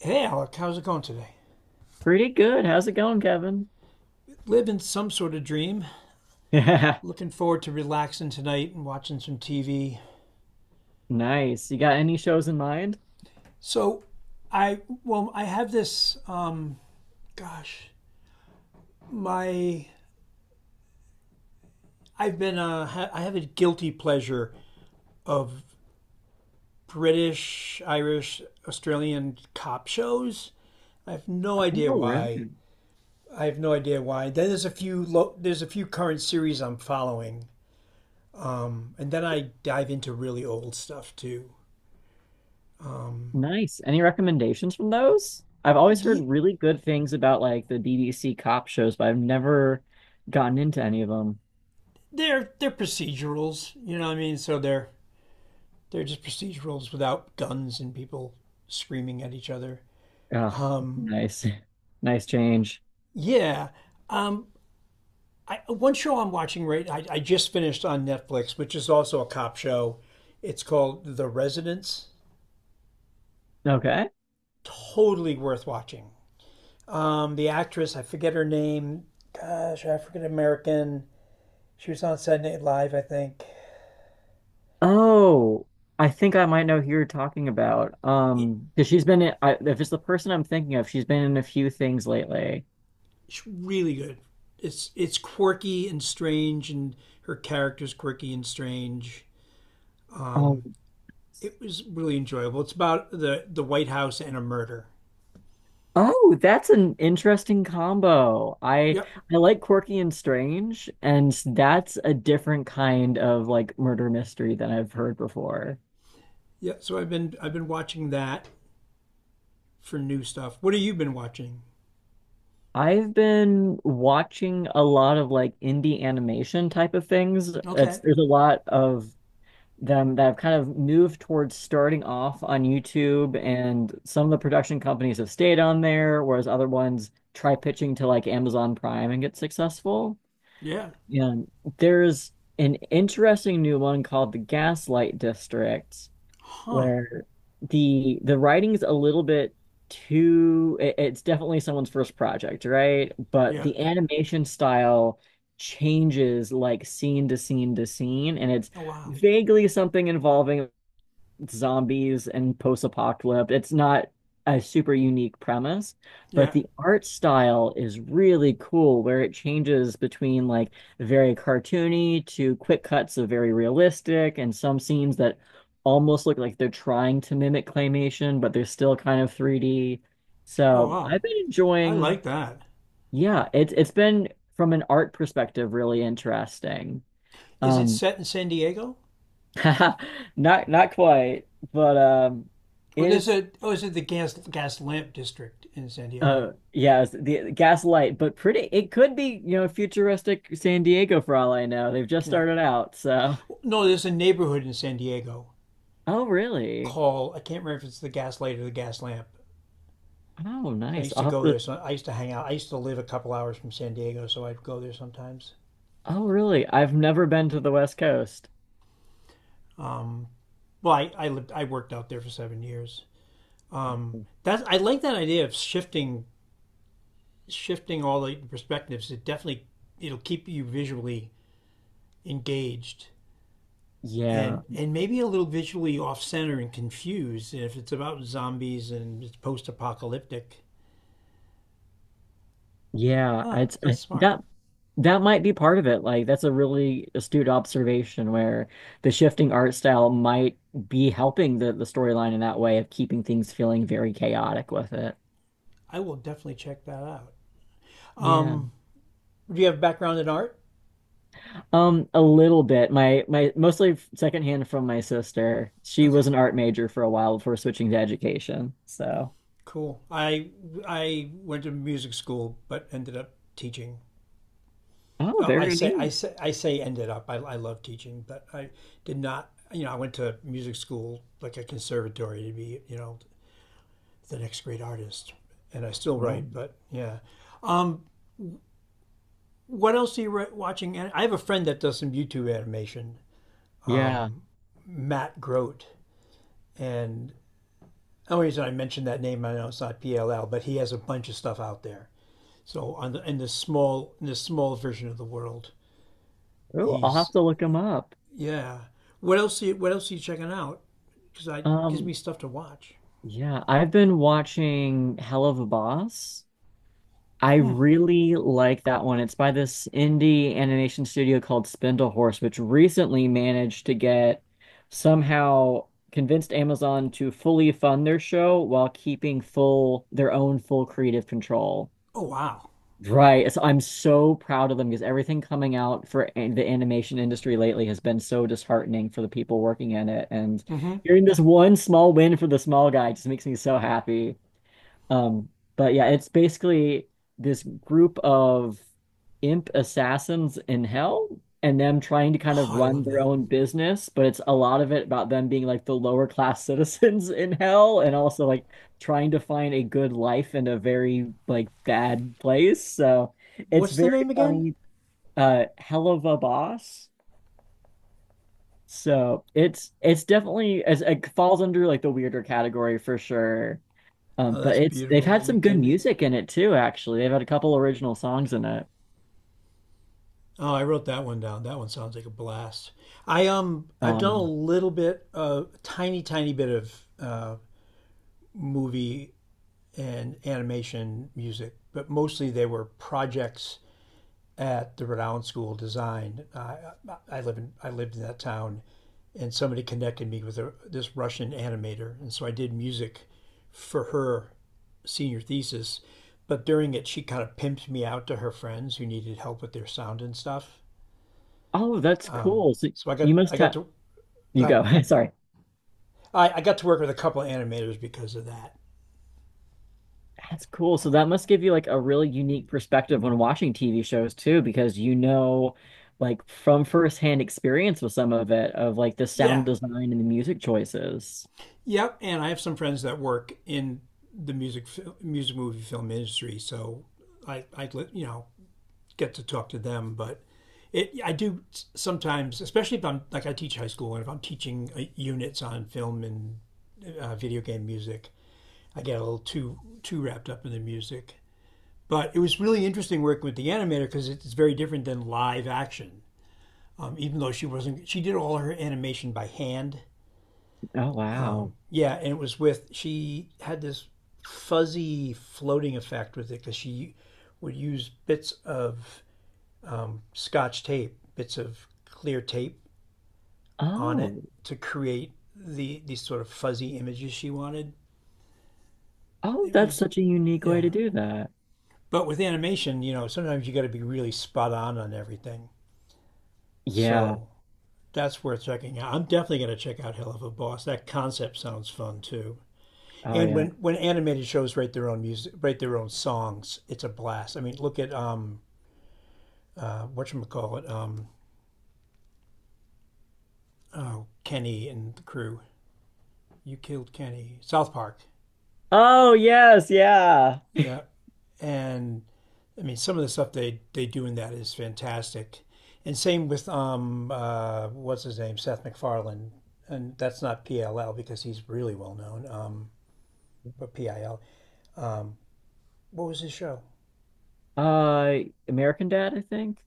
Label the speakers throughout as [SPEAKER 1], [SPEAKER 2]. [SPEAKER 1] Hey, Alec, how's it going today?
[SPEAKER 2] Pretty good. How's it going, Kevin?
[SPEAKER 1] Living some sort of dream.
[SPEAKER 2] Yeah,
[SPEAKER 1] Looking forward to relaxing tonight and watching some TV.
[SPEAKER 2] nice. You got any shows in mind?
[SPEAKER 1] So, I well, I have this. Gosh, my I've been I have a guilty pleasure of British, Irish, Australian cop shows. I have no idea
[SPEAKER 2] Oh,
[SPEAKER 1] why.
[SPEAKER 2] really?
[SPEAKER 1] I have no idea why. Then there's a few current series I'm following, and then I dive into really old stuff too.
[SPEAKER 2] Nice. Any recommendations from those? I've always heard
[SPEAKER 1] Ye-
[SPEAKER 2] really good things about like the BBC cop shows, but I've never gotten into any of them.
[SPEAKER 1] they're procedurals, you know what I mean? So they're just procedurals without guns and people screaming at each other.
[SPEAKER 2] Ah,
[SPEAKER 1] Um,
[SPEAKER 2] nice. Nice change.
[SPEAKER 1] yeah. Um, One show I'm watching right, I just finished on Netflix, which is also a cop show. It's called The Residence.
[SPEAKER 2] Okay.
[SPEAKER 1] Totally worth watching. The actress, I forget her name. Gosh, African American. She was on Saturday Night Live, I think.
[SPEAKER 2] Oh, I think I might know who you're talking about.
[SPEAKER 1] It,
[SPEAKER 2] 'Cause she's been in, if it's the person I'm thinking of, she's been in a few things lately.
[SPEAKER 1] It's really good. It's quirky and strange, and her character's quirky and strange. It was really enjoyable. It's about the White House and a murder.
[SPEAKER 2] Oh, that's an interesting combo. I
[SPEAKER 1] Yep,
[SPEAKER 2] I like quirky and strange, and that's a different kind of like murder mystery than I've heard before.
[SPEAKER 1] yep. So I've been watching that for new stuff. What have you been watching?
[SPEAKER 2] I've been watching a lot of like indie animation type of things. It's
[SPEAKER 1] Okay.
[SPEAKER 2] there's a lot of them that have kind of moved towards starting off on YouTube, and some of the production companies have stayed on there, whereas other ones try pitching to like Amazon Prime and get successful.
[SPEAKER 1] Yeah.
[SPEAKER 2] Yeah, there's an interesting new one called the Gaslight District,
[SPEAKER 1] Huh.
[SPEAKER 2] where the writing's a little bit it's definitely someone's first project, right? But
[SPEAKER 1] Yeah.
[SPEAKER 2] the animation style changes like scene to scene to scene, and it's
[SPEAKER 1] Oh wow.
[SPEAKER 2] vaguely something involving zombies and post-apocalypse. It's not a super unique premise, but
[SPEAKER 1] Yeah.
[SPEAKER 2] the art style is really cool where it changes between like very cartoony to quick cuts of very realistic and some scenes that almost look like they're trying to mimic claymation, but they're still kind of 3D.
[SPEAKER 1] Oh
[SPEAKER 2] So
[SPEAKER 1] wow.
[SPEAKER 2] I've been
[SPEAKER 1] I
[SPEAKER 2] enjoying,
[SPEAKER 1] like that.
[SPEAKER 2] yeah, it's been from an art perspective really interesting.
[SPEAKER 1] Is it
[SPEAKER 2] Um
[SPEAKER 1] set in San Diego?
[SPEAKER 2] not quite, but
[SPEAKER 1] Well,
[SPEAKER 2] it
[SPEAKER 1] there's
[SPEAKER 2] is.
[SPEAKER 1] a oh, is it the gas lamp district in San Diego?
[SPEAKER 2] Yes, the Gaslight, but pretty. It could be, you know, futuristic San Diego for all I know. They've just
[SPEAKER 1] Yeah.
[SPEAKER 2] started out, so.
[SPEAKER 1] Well, no, there's a neighborhood in San Diego
[SPEAKER 2] Oh, really?
[SPEAKER 1] call. I can't remember if it's the Gaslight or the Gas lamp.
[SPEAKER 2] Oh,
[SPEAKER 1] So I
[SPEAKER 2] nice.
[SPEAKER 1] used to
[SPEAKER 2] I'll have
[SPEAKER 1] go
[SPEAKER 2] to-
[SPEAKER 1] there. So I used to hang out. I used to live a couple hours from San Diego, so I'd go there sometimes.
[SPEAKER 2] oh, really? I've never been to the West Coast.
[SPEAKER 1] Um, well, I lived. I worked out there for 7 years. Um, that's. I like that idea of shifting all the perspectives. It'll keep you visually engaged
[SPEAKER 2] Yeah,
[SPEAKER 1] and maybe a little visually off center and confused, and if it's about zombies and it's post apocalyptic.
[SPEAKER 2] yeah.
[SPEAKER 1] Huh,
[SPEAKER 2] It's
[SPEAKER 1] that's smart.
[SPEAKER 2] that that might be part of it. Like, that's a really astute observation where the shifting art style might be helping the storyline in that way of keeping things feeling very chaotic with it.
[SPEAKER 1] I will definitely check that out.
[SPEAKER 2] Yeah.
[SPEAKER 1] Um, Do you have a background in art?
[SPEAKER 2] A little bit. My mostly secondhand from my sister. She was
[SPEAKER 1] Okay.
[SPEAKER 2] an art major for a while before switching to education. So,
[SPEAKER 1] Cool. I went to music school, but ended up teaching.
[SPEAKER 2] oh,
[SPEAKER 1] Oh, I
[SPEAKER 2] very
[SPEAKER 1] say I
[SPEAKER 2] neat.
[SPEAKER 1] say I say ended up. I love teaching, but I did not. You know, I went to music school, like a conservatory, to be the next great artist. And I still write,
[SPEAKER 2] Oh,
[SPEAKER 1] but yeah. What else are you watching? And I have a friend that does some YouTube animation,
[SPEAKER 2] yeah.
[SPEAKER 1] Matt Grote, and the only reason I mentioned that name, I know it's not PLL, but he has a bunch of stuff out there. So in this small version of the world,
[SPEAKER 2] Oh, I'll have
[SPEAKER 1] he's
[SPEAKER 2] to look him up.
[SPEAKER 1] yeah. What else? What else are you checking out? Because I gives
[SPEAKER 2] Um,
[SPEAKER 1] me stuff to watch.
[SPEAKER 2] yeah, I've been watching Hell of a Boss. I really like that one. It's by this indie animation studio called Spindlehorse, which recently managed to get somehow convinced Amazon to fully fund their show while keeping full their own full creative control.
[SPEAKER 1] Oh wow.
[SPEAKER 2] Right. So I'm so proud of them because everything coming out for the animation industry lately has been so disheartening for the people working in it. And
[SPEAKER 1] Mm-hmm.
[SPEAKER 2] hearing this one small win for the small guy just makes me so happy. Um, but yeah, it's basically this group of imp assassins in hell and them trying to kind
[SPEAKER 1] Oh,
[SPEAKER 2] of
[SPEAKER 1] I
[SPEAKER 2] run
[SPEAKER 1] love
[SPEAKER 2] their
[SPEAKER 1] that.
[SPEAKER 2] own business, but it's a lot of it about them being like the lower class citizens in hell and also like trying to find a good life in a very like bad place. So it's
[SPEAKER 1] What's the
[SPEAKER 2] very
[SPEAKER 1] name again?
[SPEAKER 2] funny. Hell of a boss. So it's definitely as it falls under like the weirder category for sure.
[SPEAKER 1] Oh,
[SPEAKER 2] But
[SPEAKER 1] that's
[SPEAKER 2] it's they've
[SPEAKER 1] beautiful. Are
[SPEAKER 2] had
[SPEAKER 1] you
[SPEAKER 2] some good
[SPEAKER 1] kidding me?
[SPEAKER 2] music in it too, actually. They've had a couple original songs in it.
[SPEAKER 1] Oh, I wrote that one down. That one sounds like a blast. I've done a
[SPEAKER 2] Um,
[SPEAKER 1] little bit, a tiny tiny bit of uh, movie and animation music, but mostly they were projects at the Rhode School of Design. I lived in that town, and somebody connected me with this Russian animator, and so I did music for her senior thesis. But during it, she kind of pimped me out to her friends who needed help with their sound and stuff.
[SPEAKER 2] oh, that's cool. So
[SPEAKER 1] So I got
[SPEAKER 2] you
[SPEAKER 1] I
[SPEAKER 2] must
[SPEAKER 1] got
[SPEAKER 2] have
[SPEAKER 1] to go
[SPEAKER 2] you go.
[SPEAKER 1] ahead.
[SPEAKER 2] Sorry.
[SPEAKER 1] I got to work with a couple of animators because of that.
[SPEAKER 2] That's cool. So that must give you like a really unique perspective when watching TV shows too, because you know like from firsthand experience with some of it of like the
[SPEAKER 1] Yeah,
[SPEAKER 2] sound design and the music choices.
[SPEAKER 1] yep. And I have some friends that work in the music movie film industry, so I get to talk to them, but it I do sometimes, especially if I'm like I teach high school and if I'm teaching units on film and video game music, I get a little too wrapped up in the music. But it was really interesting working with the animator because it's very different than live action. Even though she wasn't, she did all her animation by hand.
[SPEAKER 2] Oh wow.
[SPEAKER 1] Yeah, and it was with she had this fuzzy floating effect with it because she would use bits of scotch tape, bits of clear tape, on it
[SPEAKER 2] Oh.
[SPEAKER 1] to create these sort of fuzzy images she wanted.
[SPEAKER 2] Oh,
[SPEAKER 1] It
[SPEAKER 2] that's
[SPEAKER 1] was
[SPEAKER 2] such a unique way
[SPEAKER 1] Yeah.
[SPEAKER 2] to do that.
[SPEAKER 1] But with animation, sometimes you got to be really spot on everything.
[SPEAKER 2] Yeah.
[SPEAKER 1] So that's worth checking out. I'm definitely going to check out Hell of a Boss. That concept sounds fun too.
[SPEAKER 2] Oh
[SPEAKER 1] And
[SPEAKER 2] yeah.
[SPEAKER 1] when animated shows write their own music, write their own songs, it's a blast. I mean, look at whatchamacallit, oh, Kenny and the crew. You killed Kenny. South Park.
[SPEAKER 2] Oh yes, yeah.
[SPEAKER 1] Yeah. And I mean, some of the stuff they do in that is fantastic. And same with what's his name, Seth MacFarlane, and that's not PLL because he's really well known. But PIL. Um, what was his show?
[SPEAKER 2] Uh, American Dad, I think.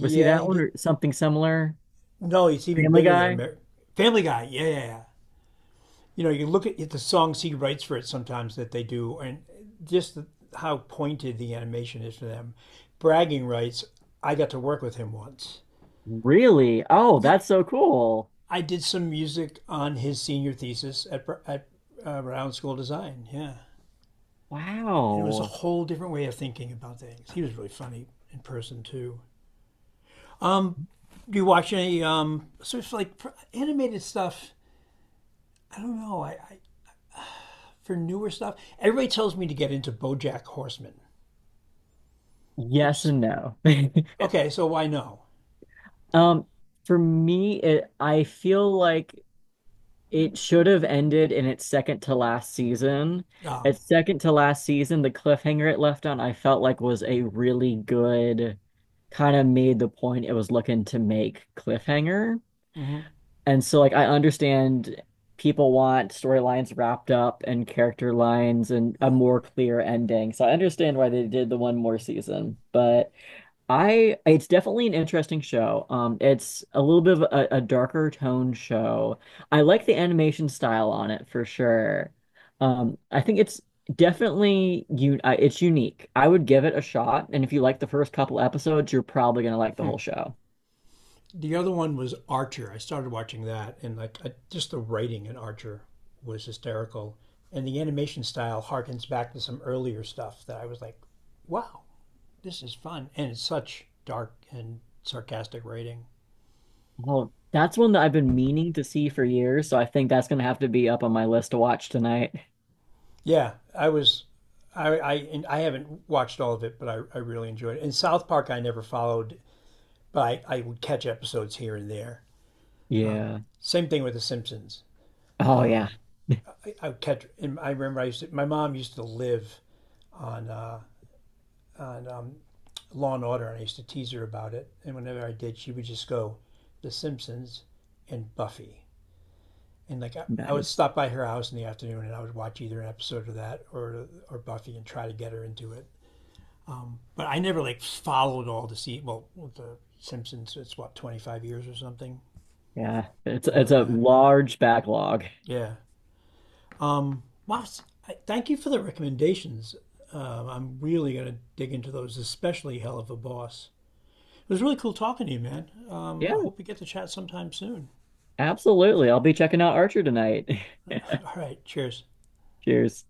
[SPEAKER 2] Was he that
[SPEAKER 1] he
[SPEAKER 2] one
[SPEAKER 1] did.
[SPEAKER 2] or something similar?
[SPEAKER 1] No, it's even
[SPEAKER 2] Family
[SPEAKER 1] bigger than
[SPEAKER 2] Guy?
[SPEAKER 1] Family Guy. Yeah, yeah, yeah. You know, you look at the songs he writes for it sometimes that they do, and just the, how pointed the animation is for them. Bragging rights. I got to work with him once.
[SPEAKER 2] Really? Oh,
[SPEAKER 1] Y-
[SPEAKER 2] that's so cool.
[SPEAKER 1] I did some music on his senior thesis at Brown School of Design. Yeah. And it was a
[SPEAKER 2] Wow.
[SPEAKER 1] whole different way of thinking about things. He was really funny in person, too. Do you watch any sort of like animated stuff? I don't know. I For newer stuff, everybody tells me to get into Bojack Horseman,
[SPEAKER 2] Yes
[SPEAKER 1] which,
[SPEAKER 2] and no.
[SPEAKER 1] okay, so why no?
[SPEAKER 2] Um, for me, it I feel like it should have ended in its second to last season.
[SPEAKER 1] Oh,
[SPEAKER 2] Its second to last season, the cliffhanger it left on, I felt like was a really good kind of made the point it was looking to make cliffhanger. And so like I understand people want storylines wrapped up and character lines and a more clear ending. So I understand why they did the one more season. But I it's definitely an interesting show. It's a little bit of a darker tone show. I like the animation style on it for sure. I think it's definitely you it's unique. I would give it a shot and if you like the first couple episodes, you're probably going to like the whole show.
[SPEAKER 1] the other one was Archer. I started watching that, and like just the writing in Archer was hysterical, and the animation style harkens back to some earlier stuff that I was like, "Wow, this is fun!" And it's such dark and sarcastic writing.
[SPEAKER 2] Oh, that's one that I've been meaning to see for years, so I think that's gonna have to be up on my list to watch tonight.
[SPEAKER 1] Yeah, I was, I, and I haven't watched all of it, but I really enjoyed it. And South Park I never followed, but I would catch episodes here and there.
[SPEAKER 2] Yeah.
[SPEAKER 1] Same thing with The Simpsons.
[SPEAKER 2] Oh yeah.
[SPEAKER 1] I would catch, and I remember my mom used to live on Law and Order, and I used to tease her about it. And whenever I did, she would just go, The Simpsons and Buffy. And like I would
[SPEAKER 2] Nice.
[SPEAKER 1] stop by her house in the afternoon, and I would watch either an episode of that or Buffy, and try to get her into it. But I never like followed all the se well, with the Simpsons. It's what 25 years or something
[SPEAKER 2] Yeah. It's
[SPEAKER 1] more
[SPEAKER 2] it's
[SPEAKER 1] than
[SPEAKER 2] a
[SPEAKER 1] that.
[SPEAKER 2] large backlog.
[SPEAKER 1] Yeah. Wow. Thank you for the recommendations. I'm really gonna dig into those, especially Hell of a Boss. It was really cool talking to you, man.
[SPEAKER 2] Yeah,
[SPEAKER 1] I hope we get to chat sometime soon.
[SPEAKER 2] absolutely. I'll be checking out Archer tonight.
[SPEAKER 1] All right, cheers.
[SPEAKER 2] Cheers.